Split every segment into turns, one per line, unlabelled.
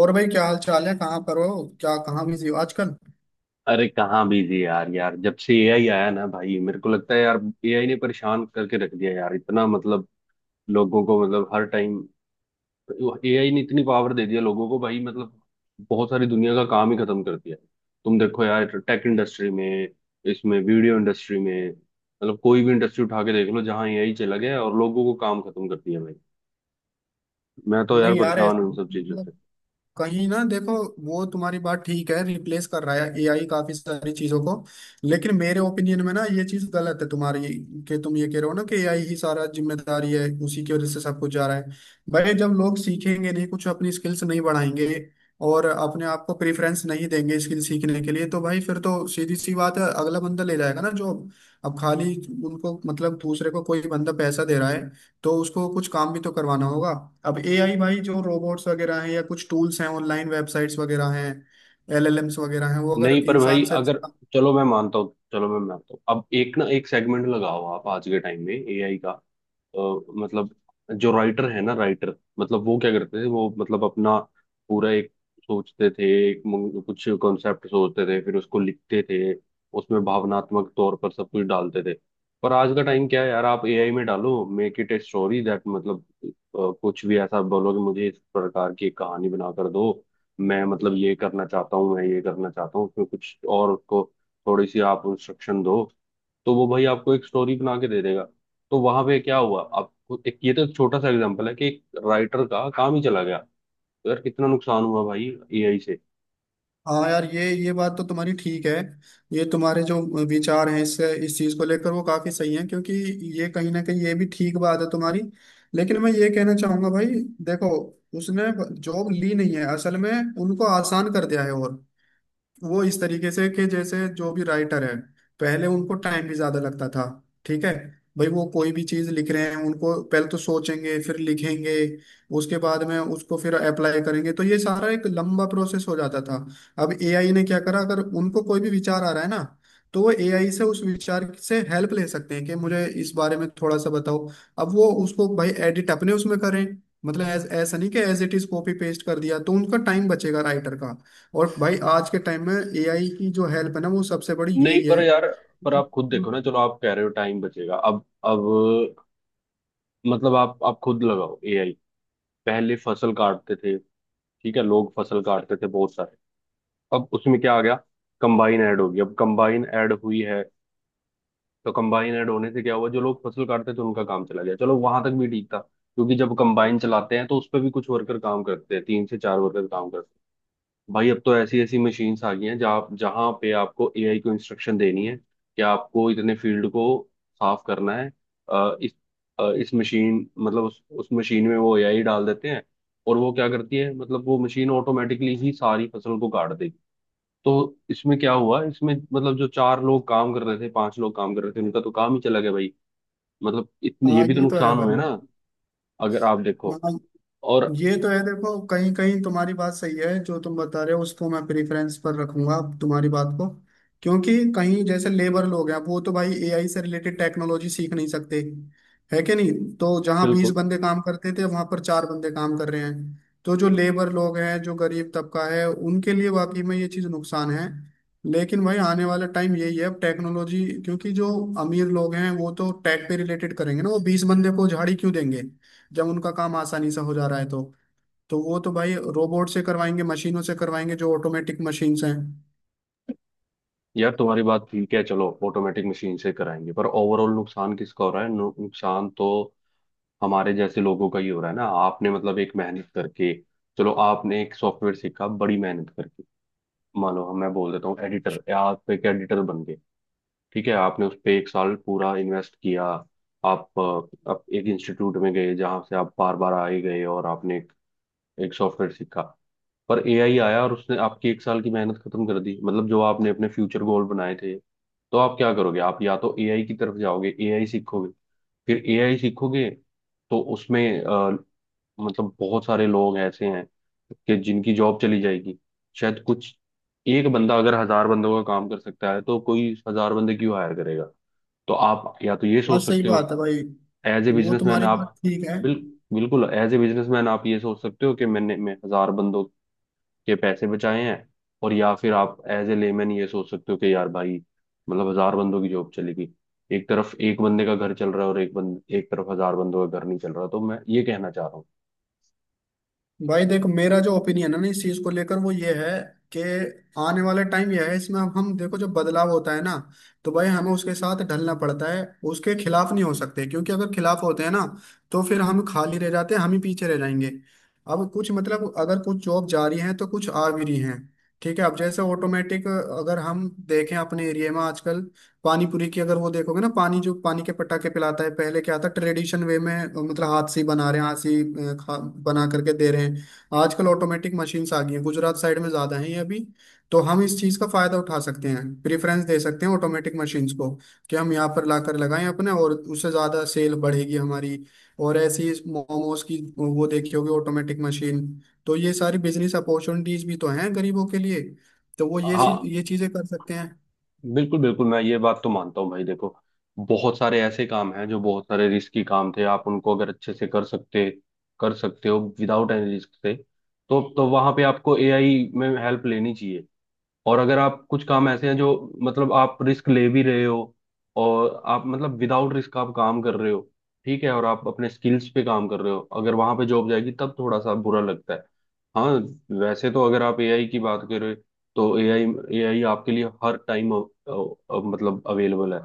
और भाई क्या हाल चाल है। कहाँ पर हो क्या? कहाँ बिजी हो आजकल?
अरे कहाँ बिजी यार। यार जब से एआई आया ना भाई, मेरे को लगता है यार, एआई ने परेशान करके रख दिया यार। इतना मतलब लोगों को, मतलब हर टाइम एआई ने इतनी पावर दे दिया लोगों को भाई। मतलब बहुत सारी दुनिया का काम ही खत्म कर दिया। तुम देखो यार, टेक इंडस्ट्री में, इसमें वीडियो इंडस्ट्री में, मतलब कोई भी इंडस्ट्री उठा के देख लो जहाँ एआई चला गया और लोगों को काम खत्म कर दिया भाई। मैं तो यार
नहीं यार,
परेशान हूँ इन
ऐसे
सब चीजों से।
मतलब कहीं ना देखो, वो तुम्हारी बात ठीक है, रिप्लेस कर रहा है एआई काफी सारी चीजों को। लेकिन मेरे ओपिनियन में ना, ये चीज गलत है तुम्हारी, कि तुम ये कह रहे हो ना कि एआई ही सारा जिम्मेदारी है, उसी की वजह से सब कुछ जा रहा है। भाई, जब लोग सीखेंगे नहीं, कुछ अपनी स्किल्स नहीं बढ़ाएंगे और अपने आप को प्रेफरेंस नहीं देंगे स्किल सीखने के लिए, तो भाई फिर तो सीधी सी बात है, अगला बंदा ले जाएगा ना जॉब। अब खाली उनको मतलब दूसरे को कोई बंदा पैसा दे रहा है, तो उसको कुछ काम भी तो करवाना होगा। अब एआई, भाई जो रोबोट्स वगैरह हैं या कुछ टूल्स हैं, ऑनलाइन वेबसाइट्स वगैरह हैं, एलएलएम्स वगैरह हैं, वो अगर
नहीं पर भाई,
इंसान से
अगर चलो मैं मानता हूँ, चलो मैं मानता हूँ, अब एक ना एक सेगमेंट लगाओ आप आज के टाइम में एआई का। अ, मतलब जो राइटर है ना, राइटर मतलब वो क्या करते थे? वो मतलब अपना पूरा एक सोचते थे, कुछ कॉन्सेप्ट सोचते थे, फिर उसको लिखते थे, उसमें भावनात्मक तौर पर सब कुछ डालते थे। पर आज का टाइम क्या है यार? आप एआई में डालो, make it a story that, मतलब कुछ भी ऐसा बोलो कि मुझे इस प्रकार की एक कहानी बना कर दो। मैं मतलब ये करना चाहता हूँ, मैं ये करना चाहता हूँ उसमें कुछ, और उसको थोड़ी सी आप इंस्ट्रक्शन दो तो वो भाई आपको एक स्टोरी बना के दे देगा। तो वहां पे क्या हुआ? एक ये तो एक छोटा सा एग्जांपल है कि एक राइटर का काम ही चला गया। तो यार कितना नुकसान हुआ भाई एआई से।
हाँ यार, ये बात तो तुम्हारी ठीक है। ये तुम्हारे जो विचार हैं इससे इस चीज़ को लेकर, वो काफ़ी सही है, क्योंकि ये कहीं ना कहीं ये भी ठीक बात है तुम्हारी। लेकिन मैं ये कहना चाहूंगा भाई, देखो उसने जॉब ली नहीं है असल में, उनको आसान कर दिया है। और वो इस तरीके से कि जैसे जो भी राइटर है, पहले उनको टाइम भी ज्यादा लगता था। ठीक है भाई, वो कोई भी चीज लिख रहे हैं, उनको पहले तो सोचेंगे, फिर लिखेंगे, उसके बाद में उसको फिर अप्लाई करेंगे, तो ये सारा एक लंबा प्रोसेस हो जाता था। अब एआई ने क्या करा, अगर उनको कोई भी विचार आ रहा है ना, तो वो एआई से उस विचार से हेल्प ले सकते हैं कि मुझे इस बारे में थोड़ा सा बताओ। अब वो उसको भाई एडिट अपने उसमें करें, मतलब ऐसा नहीं कि as it is copy paste कर दिया, तो उनका टाइम बचेगा राइटर का। और भाई आज के टाइम में एआई की जो हेल्प है ना, वो सबसे बड़ी
नहीं
यही है।
पर यार, पर आप खुद देखो ना, चलो आप कह रहे हो टाइम बचेगा। अब मतलब आप खुद लगाओ एआई। पहले फसल काटते थे, ठीक है, लोग फसल काटते थे बहुत सारे। अब उसमें क्या आ गया? कंबाइन ऐड होगी, अब कंबाइन ऐड हुई है। तो कंबाइन ऐड होने से क्या हुआ? जो लोग फसल काटते थे उनका काम चला गया। चलो वहां तक भी ठीक था, क्योंकि जब कंबाइन चलाते हैं तो उस पर भी कुछ वर्कर काम करते हैं, तीन से चार वर्कर काम करते हैं। भाई अब तो ऐसी ऐसी मशीन्स आ गई हैं, जहाँ जहाँ पे आपको एआई को इंस्ट्रक्शन देनी है कि आपको इतने फील्ड को साफ करना है। इस इस मशीन, मतलब उस मशीन में वो एआई डाल देते हैं, और वो क्या करती है? मतलब वो मशीन ऑटोमेटिकली ही सारी फसल को काट देगी। तो इसमें क्या हुआ? इसमें मतलब जो चार लोग काम कर रहे थे, पांच लोग काम कर रहे थे, उनका तो काम ही चला गया भाई। मतलब इतने ये
हाँ
भी तो
ये तो है
नुकसान हुए
भाई।
ना। अगर आप देखो,
हाँ,
और
ये तो है, देखो कहीं कहीं तुम्हारी बात सही है, जो तुम बता रहे हो उसको मैं प्रेफरेंस पर रखूंगा तुम्हारी बात को, क्योंकि कहीं जैसे लेबर लोग हैं, वो तो भाई एआई से रिलेटेड टेक्नोलॉजी सीख नहीं सकते, है कि नहीं? तो जहाँ बीस
बिल्कुल
बंदे काम करते थे, वहां पर चार बंदे काम कर रहे हैं, तो जो लेबर लोग हैं, जो गरीब तबका है, उनके लिए वाकई में ये चीज़ नुकसान है। लेकिन भाई आने वाला टाइम यही है, अब टेक्नोलॉजी, क्योंकि जो अमीर लोग हैं वो तो टेक पे रिलेटेड करेंगे ना, वो बीस बंदे को झाड़ी क्यों देंगे जब उनका काम आसानी से हो जा रहा है? तो वो तो भाई रोबोट से करवाएंगे, मशीनों से करवाएंगे, जो ऑटोमेटिक मशीन्स हैं।
यार, तुम्हारी बात ठीक है। चलो ऑटोमेटिक मशीन से कराएंगे, पर ओवरऑल नुकसान किसका हो रहा है? नुकसान तो हमारे जैसे लोगों का ही हो रहा है ना। आपने मतलब एक मेहनत करके, चलो आपने एक सॉफ्टवेयर सीखा बड़ी मेहनत करके। मान लो मैं बोल देता हूँ एडिटर, आप एक एडिटर बन गए, ठीक है, आपने उस पर एक साल पूरा इन्वेस्ट किया। आप एक इंस्टीट्यूट में गए, जहाँ से आप बार बार आए गए, और आपने एक, एक सॉफ्टवेयर सीखा। पर एआई आया और उसने आपकी एक साल की मेहनत खत्म कर दी, मतलब जो आपने अपने फ्यूचर गोल बनाए थे। तो आप क्या करोगे? आप या तो एआई की तरफ जाओगे, एआई सीखोगे, फिर एआई सीखोगे। तो उसमें मतलब बहुत सारे लोग ऐसे हैं कि जिनकी जॉब चली जाएगी, शायद कुछ। एक बंदा अगर हजार बंदों का काम कर सकता है तो कोई हजार बंदे क्यों हायर करेगा? तो आप या तो ये
हाँ
सोच
सही
सकते हो
बात है भाई,
एज ए
वो
बिजनेसमैन,
तुम्हारी बात
आप
ठीक है।
बिल, बिल्कुल एज ए बिजनेसमैन आप ये सोच सकते हो कि मैंने, मैं हजार बंदों के पैसे बचाए हैं। और या फिर आप एज ए लेमैन ये सोच सकते हो कि यार भाई, मतलब हजार बंदों की जॉब चलेगी। एक तरफ एक बंदे का घर चल रहा है, और एक बंद एक तरफ हजार बंदों का घर नहीं चल रहा। तो मैं ये कहना चाह रहा हूँ।
भाई देखो, मेरा जो ओपिनियन है ना इस चीज को लेकर, वो ये है कि आने वाला टाइम यह है। इसमें अब हम देखो जो बदलाव होता है ना, तो भाई हमें उसके साथ ढलना पड़ता है, उसके खिलाफ नहीं हो सकते, क्योंकि अगर खिलाफ होते हैं ना, तो फिर हम खाली रह जाते हैं, हम ही पीछे रह जाएंगे। अब कुछ मतलब अगर कुछ जॉब जा रही है, तो कुछ आ भी रही हैं। ठीक है, अब जैसे ऑटोमेटिक अगर हम देखें अपने एरिया में आजकल पानी पूरी की, अगर वो देखोगे ना, पानी जो पानी के पटाखे पिलाता है, पहले क्या था? ट्रेडिशन वे में, मतलब हाथ से ही बना रहे हैं, हाथ से ही बना करके दे रहे हैं। आजकल ऑटोमेटिक मशीन्स आ गई हैं, गुजरात साइड में ज्यादा है ये अभी। तो हम इस चीज का फायदा उठा सकते हैं, प्रेफरेंस दे सकते हैं ऑटोमेटिक मशीन्स को कि हम यहाँ पर लाकर लगाएं अपने, और उससे ज्यादा सेल बढ़ेगी हमारी। और ऐसी मोमोज की वो देखी होगी ऑटोमेटिक मशीन, तो ये सारी बिजनेस अपॉर्चुनिटीज भी तो हैं गरीबों के लिए। तो वो
हाँ
ये चीजें कर सकते हैं।
बिल्कुल बिल्कुल, मैं ये बात तो मानता हूँ भाई। देखो बहुत सारे ऐसे काम हैं जो बहुत सारे रिस्की काम थे, आप उनको अगर अच्छे से कर सकते हो विदाउट एनी रिस्क से, तो वहां पे आपको एआई में हेल्प लेनी चाहिए। और अगर आप, कुछ काम ऐसे हैं जो मतलब आप रिस्क ले भी रहे हो, और आप मतलब विदाउट रिस्क आप काम कर रहे हो, ठीक है, और आप अपने स्किल्स पे काम कर रहे हो, अगर वहां पे जॉब जाएगी तब थोड़ा सा बुरा लगता है। हाँ, वैसे तो अगर आप एआई की बात करें, तो एआई, एआई आपके लिए हर टाइम मतलब अवेलेबल है।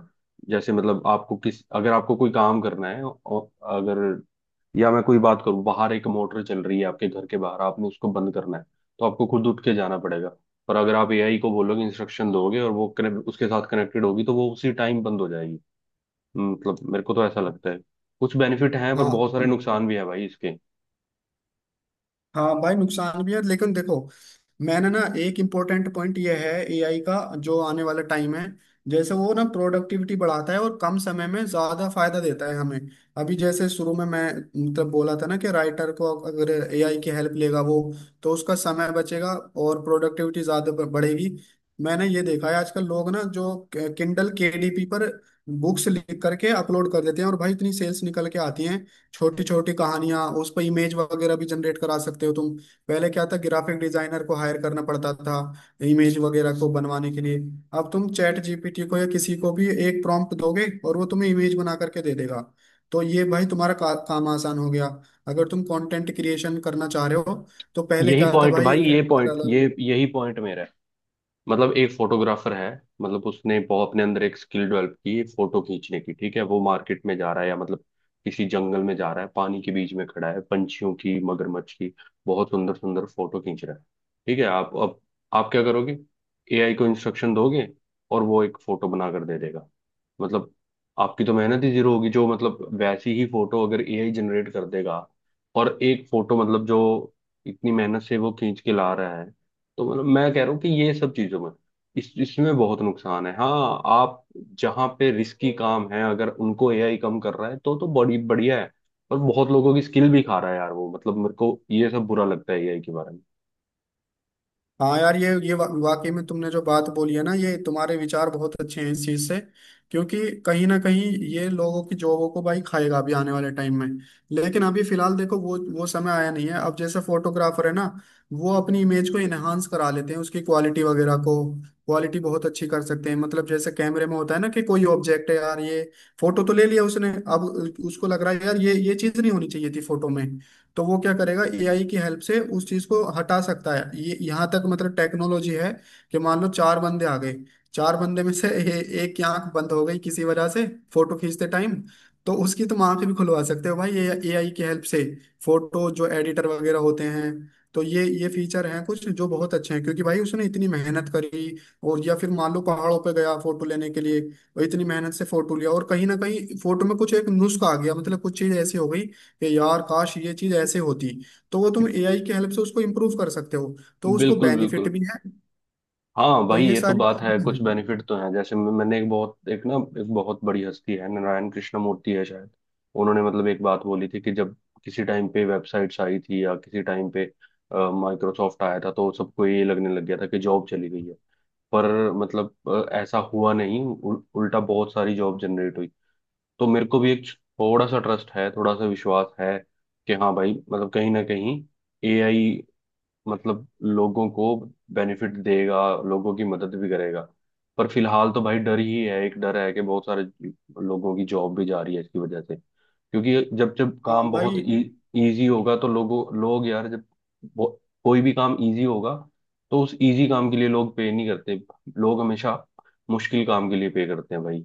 जैसे मतलब आपको किस, अगर आपको कोई काम करना है, और अगर, या मैं कोई बात करूं, बाहर एक मोटर चल रही है आपके घर के बाहर, आपने उसको बंद करना है तो आपको खुद उठ के जाना पड़ेगा। और अगर आप एआई को बोलोगे, इंस्ट्रक्शन दोगे, और वो कनेक्ट, उसके साथ कनेक्टेड होगी तो वो उसी टाइम बंद हो जाएगी। मतलब मेरे को तो ऐसा लगता है कुछ बेनिफिट हैं, पर
हाँ।
बहुत सारे नुकसान भी हैं भाई इसके।
हाँ भाई, नुकसान भी है, लेकिन देखो मैंने ना एक इम्पोर्टेंट पॉइंट ये है एआई का, जो आने वाला टाइम है, जैसे वो ना प्रोडक्टिविटी बढ़ाता है, और कम समय में ज्यादा फायदा देता है हमें। अभी जैसे शुरू में मैं मतलब बोला था ना कि राइटर को अगर एआई की हेल्प लेगा वो, तो उसका समय बचेगा और प्रोडक्टिविटी ज्यादा बढ़ेगी। मैंने ये देखा है आजकल लोग ना जो किंडल केडीपी पर बुक्स लिख करके अपलोड कर देते हैं, और भाई इतनी सेल्स निकल के आती हैं। छोटी छोटी कहानियां, उस पर इमेज वगैरह भी जनरेट करा सकते हो तुम। पहले क्या था, ग्राफिक डिजाइनर को हायर करना पड़ता था इमेज वगैरह को बनवाने के लिए। अब तुम चैट जीपीटी को या किसी को भी एक प्रॉम्प्ट दोगे, और वो तुम्हें इमेज बना करके दे देगा। तो ये भाई काम आसान हो गया, अगर तुम कंटेंट क्रिएशन करना चाह रहे हो। तो पहले
यही
क्या था
पॉइंट
भाई।
भाई, ये पॉइंट ये यही पॉइंट मेरा है। मतलब एक फोटोग्राफर है, मतलब उसने बहुत अपने अंदर एक स्किल डेवलप की फोटो खींचने की। ठीक है, वो मार्केट में जा रहा है या मतलब किसी जंगल में जा रहा है, पानी के बीच में खड़ा है, पंछियों की, मगरमच्छ की बहुत सुंदर सुंदर फोटो खींच रहा है। ठीक है, आप अब, आप क्या करोगे? एआई को इंस्ट्रक्शन दोगे और वो एक फोटो बना कर दे देगा। मतलब आपकी तो मेहनत ही जीरो होगी, जो मतलब वैसी ही फोटो अगर एआई जनरेट कर देगा। और एक फोटो मतलब जो इतनी मेहनत से वो खींच के ला रहा है। तो मतलब मैं कह रहा हूँ कि ये सब चीजों में, इस इसमें बहुत नुकसान है। हाँ आप, जहाँ पे रिस्की काम है, अगर उनको एआई कम कर रहा है तो बड़ी बढ़िया है, पर बहुत लोगों की स्किल भी खा रहा है यार वो, मतलब मेरे को ये सब बुरा लगता है एआई के बारे
हाँ यार, वाकई में तुमने जो बात बोली है ना, ये तुम्हारे विचार बहुत अच्छे हैं इस चीज से, क्योंकि कहीं ना कहीं ये लोगों की जॉबों को भाई खाएगा अभी आने वाले टाइम में। लेकिन अभी फिलहाल देखो, वो समय आया नहीं है। अब जैसे फोटोग्राफर है ना, वो अपनी इमेज को इनहांस करा लेते हैं उसकी क्वालिटी वगैरह को, क्वालिटी बहुत अच्छी कर सकते हैं। मतलब जैसे कैमरे में होता है ना, कि कोई ऑब्जेक्ट है यार ये, फोटो तो ले लिया उसने, अब उसको लग रहा है यार ये चीज नहीं होनी चाहिए थी फोटो में, तो वो क्या करेगा, एआई की हेल्प से उस चीज को हटा सकता है। ये यहाँ तक मतलब टेक्नोलॉजी है कि मान लो चार बंदे आ गए, चार बंदे में से एक की आंख बंद हो गई किसी वजह से फोटो खींचते टाइम, तो उसकी तुम आंख भी खुलवा सकते हो भाई ये एआई की हेल्प से। फोटो जो एडिटर वगैरह होते हैं, तो ये फीचर हैं कुछ जो बहुत अच्छे हैं, क्योंकि भाई उसने इतनी मेहनत करी। और या फिर मान लो पहाड़ों पे गया फोटो लेने के लिए, और इतनी मेहनत से फोटो लिया, और कहीं ना कहीं फोटो में कुछ एक नुस्खा आ गया, मतलब कुछ चीज ऐसी हो गई कि यार काश ये चीज ऐसे होती, तो वो तुम एआई की हेल्प से उसको इम्प्रूव कर सकते हो। तो
में।
उसको
बिल्कुल
बेनिफिट
बिल्कुल।
भी है,
हाँ
तो
भाई
ये
ये तो
सारी
बात है,
चीजें हैं।
कुछ बेनिफिट तो हैं। जैसे मैंने एक बहुत, एक ना, एक बहुत बड़ी हस्ती है नारायण कृष्ण मूर्ति है शायद, उन्होंने मतलब एक बात बोली थी कि जब किसी टाइम पे वेबसाइट्स आई थी, या किसी टाइम पे माइक्रोसॉफ्ट आया था, तो सबको ये लगने लग गया था कि जॉब चली गई है। पर मतलब ऐसा हुआ नहीं, उल्टा बहुत सारी जॉब जनरेट हुई। तो मेरे को भी एक थोड़ा सा ट्रस्ट है, थोड़ा सा विश्वास है, कि हाँ भाई मतलब कहीं ना कहीं एआई मतलब लोगों को बेनिफिट देगा, लोगों की मदद भी करेगा। पर फिलहाल तो भाई डर ही है, एक डर है कि बहुत सारे लोगों की जॉब भी जा रही है इसकी वजह से। क्योंकि जब जब
हाँ
काम बहुत
भाई।
इजी होगा तो लोगों, लोग यार जब वो- कोई भी काम इजी होगा तो उस इजी काम के लिए लोग पे नहीं करते, लोग हमेशा मुश्किल काम के लिए पे करते हैं भाई।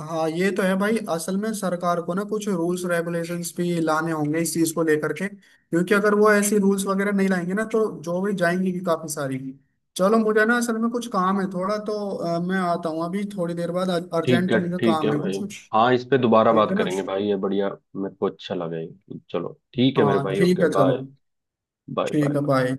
हाँ ये तो है भाई, असल में सरकार को ना कुछ रूल्स रेगुलेशंस भी लाने होंगे इस चीज को लेकर के, क्योंकि अगर वो ऐसी रूल्स वगैरह नहीं लाएंगे ना, तो जो भी जाएंगी भी काफी सारी। चलो मुझे ना असल में कुछ काम है थोड़ा, तो मैं आता हूँ अभी थोड़ी देर बाद। अर्जेंट मुझे
ठीक है
काम है
भाई।
कुछ।
हाँ इस पे दोबारा
ठीक
बात
है ना?
करेंगे भाई, ये बढ़िया, मेरे को अच्छा लगा ये। चलो ठीक है मेरे
हाँ
भाई,
ठीक
ओके
है चलो।
बाय। बाय
ठीक है
बाय।
बाय।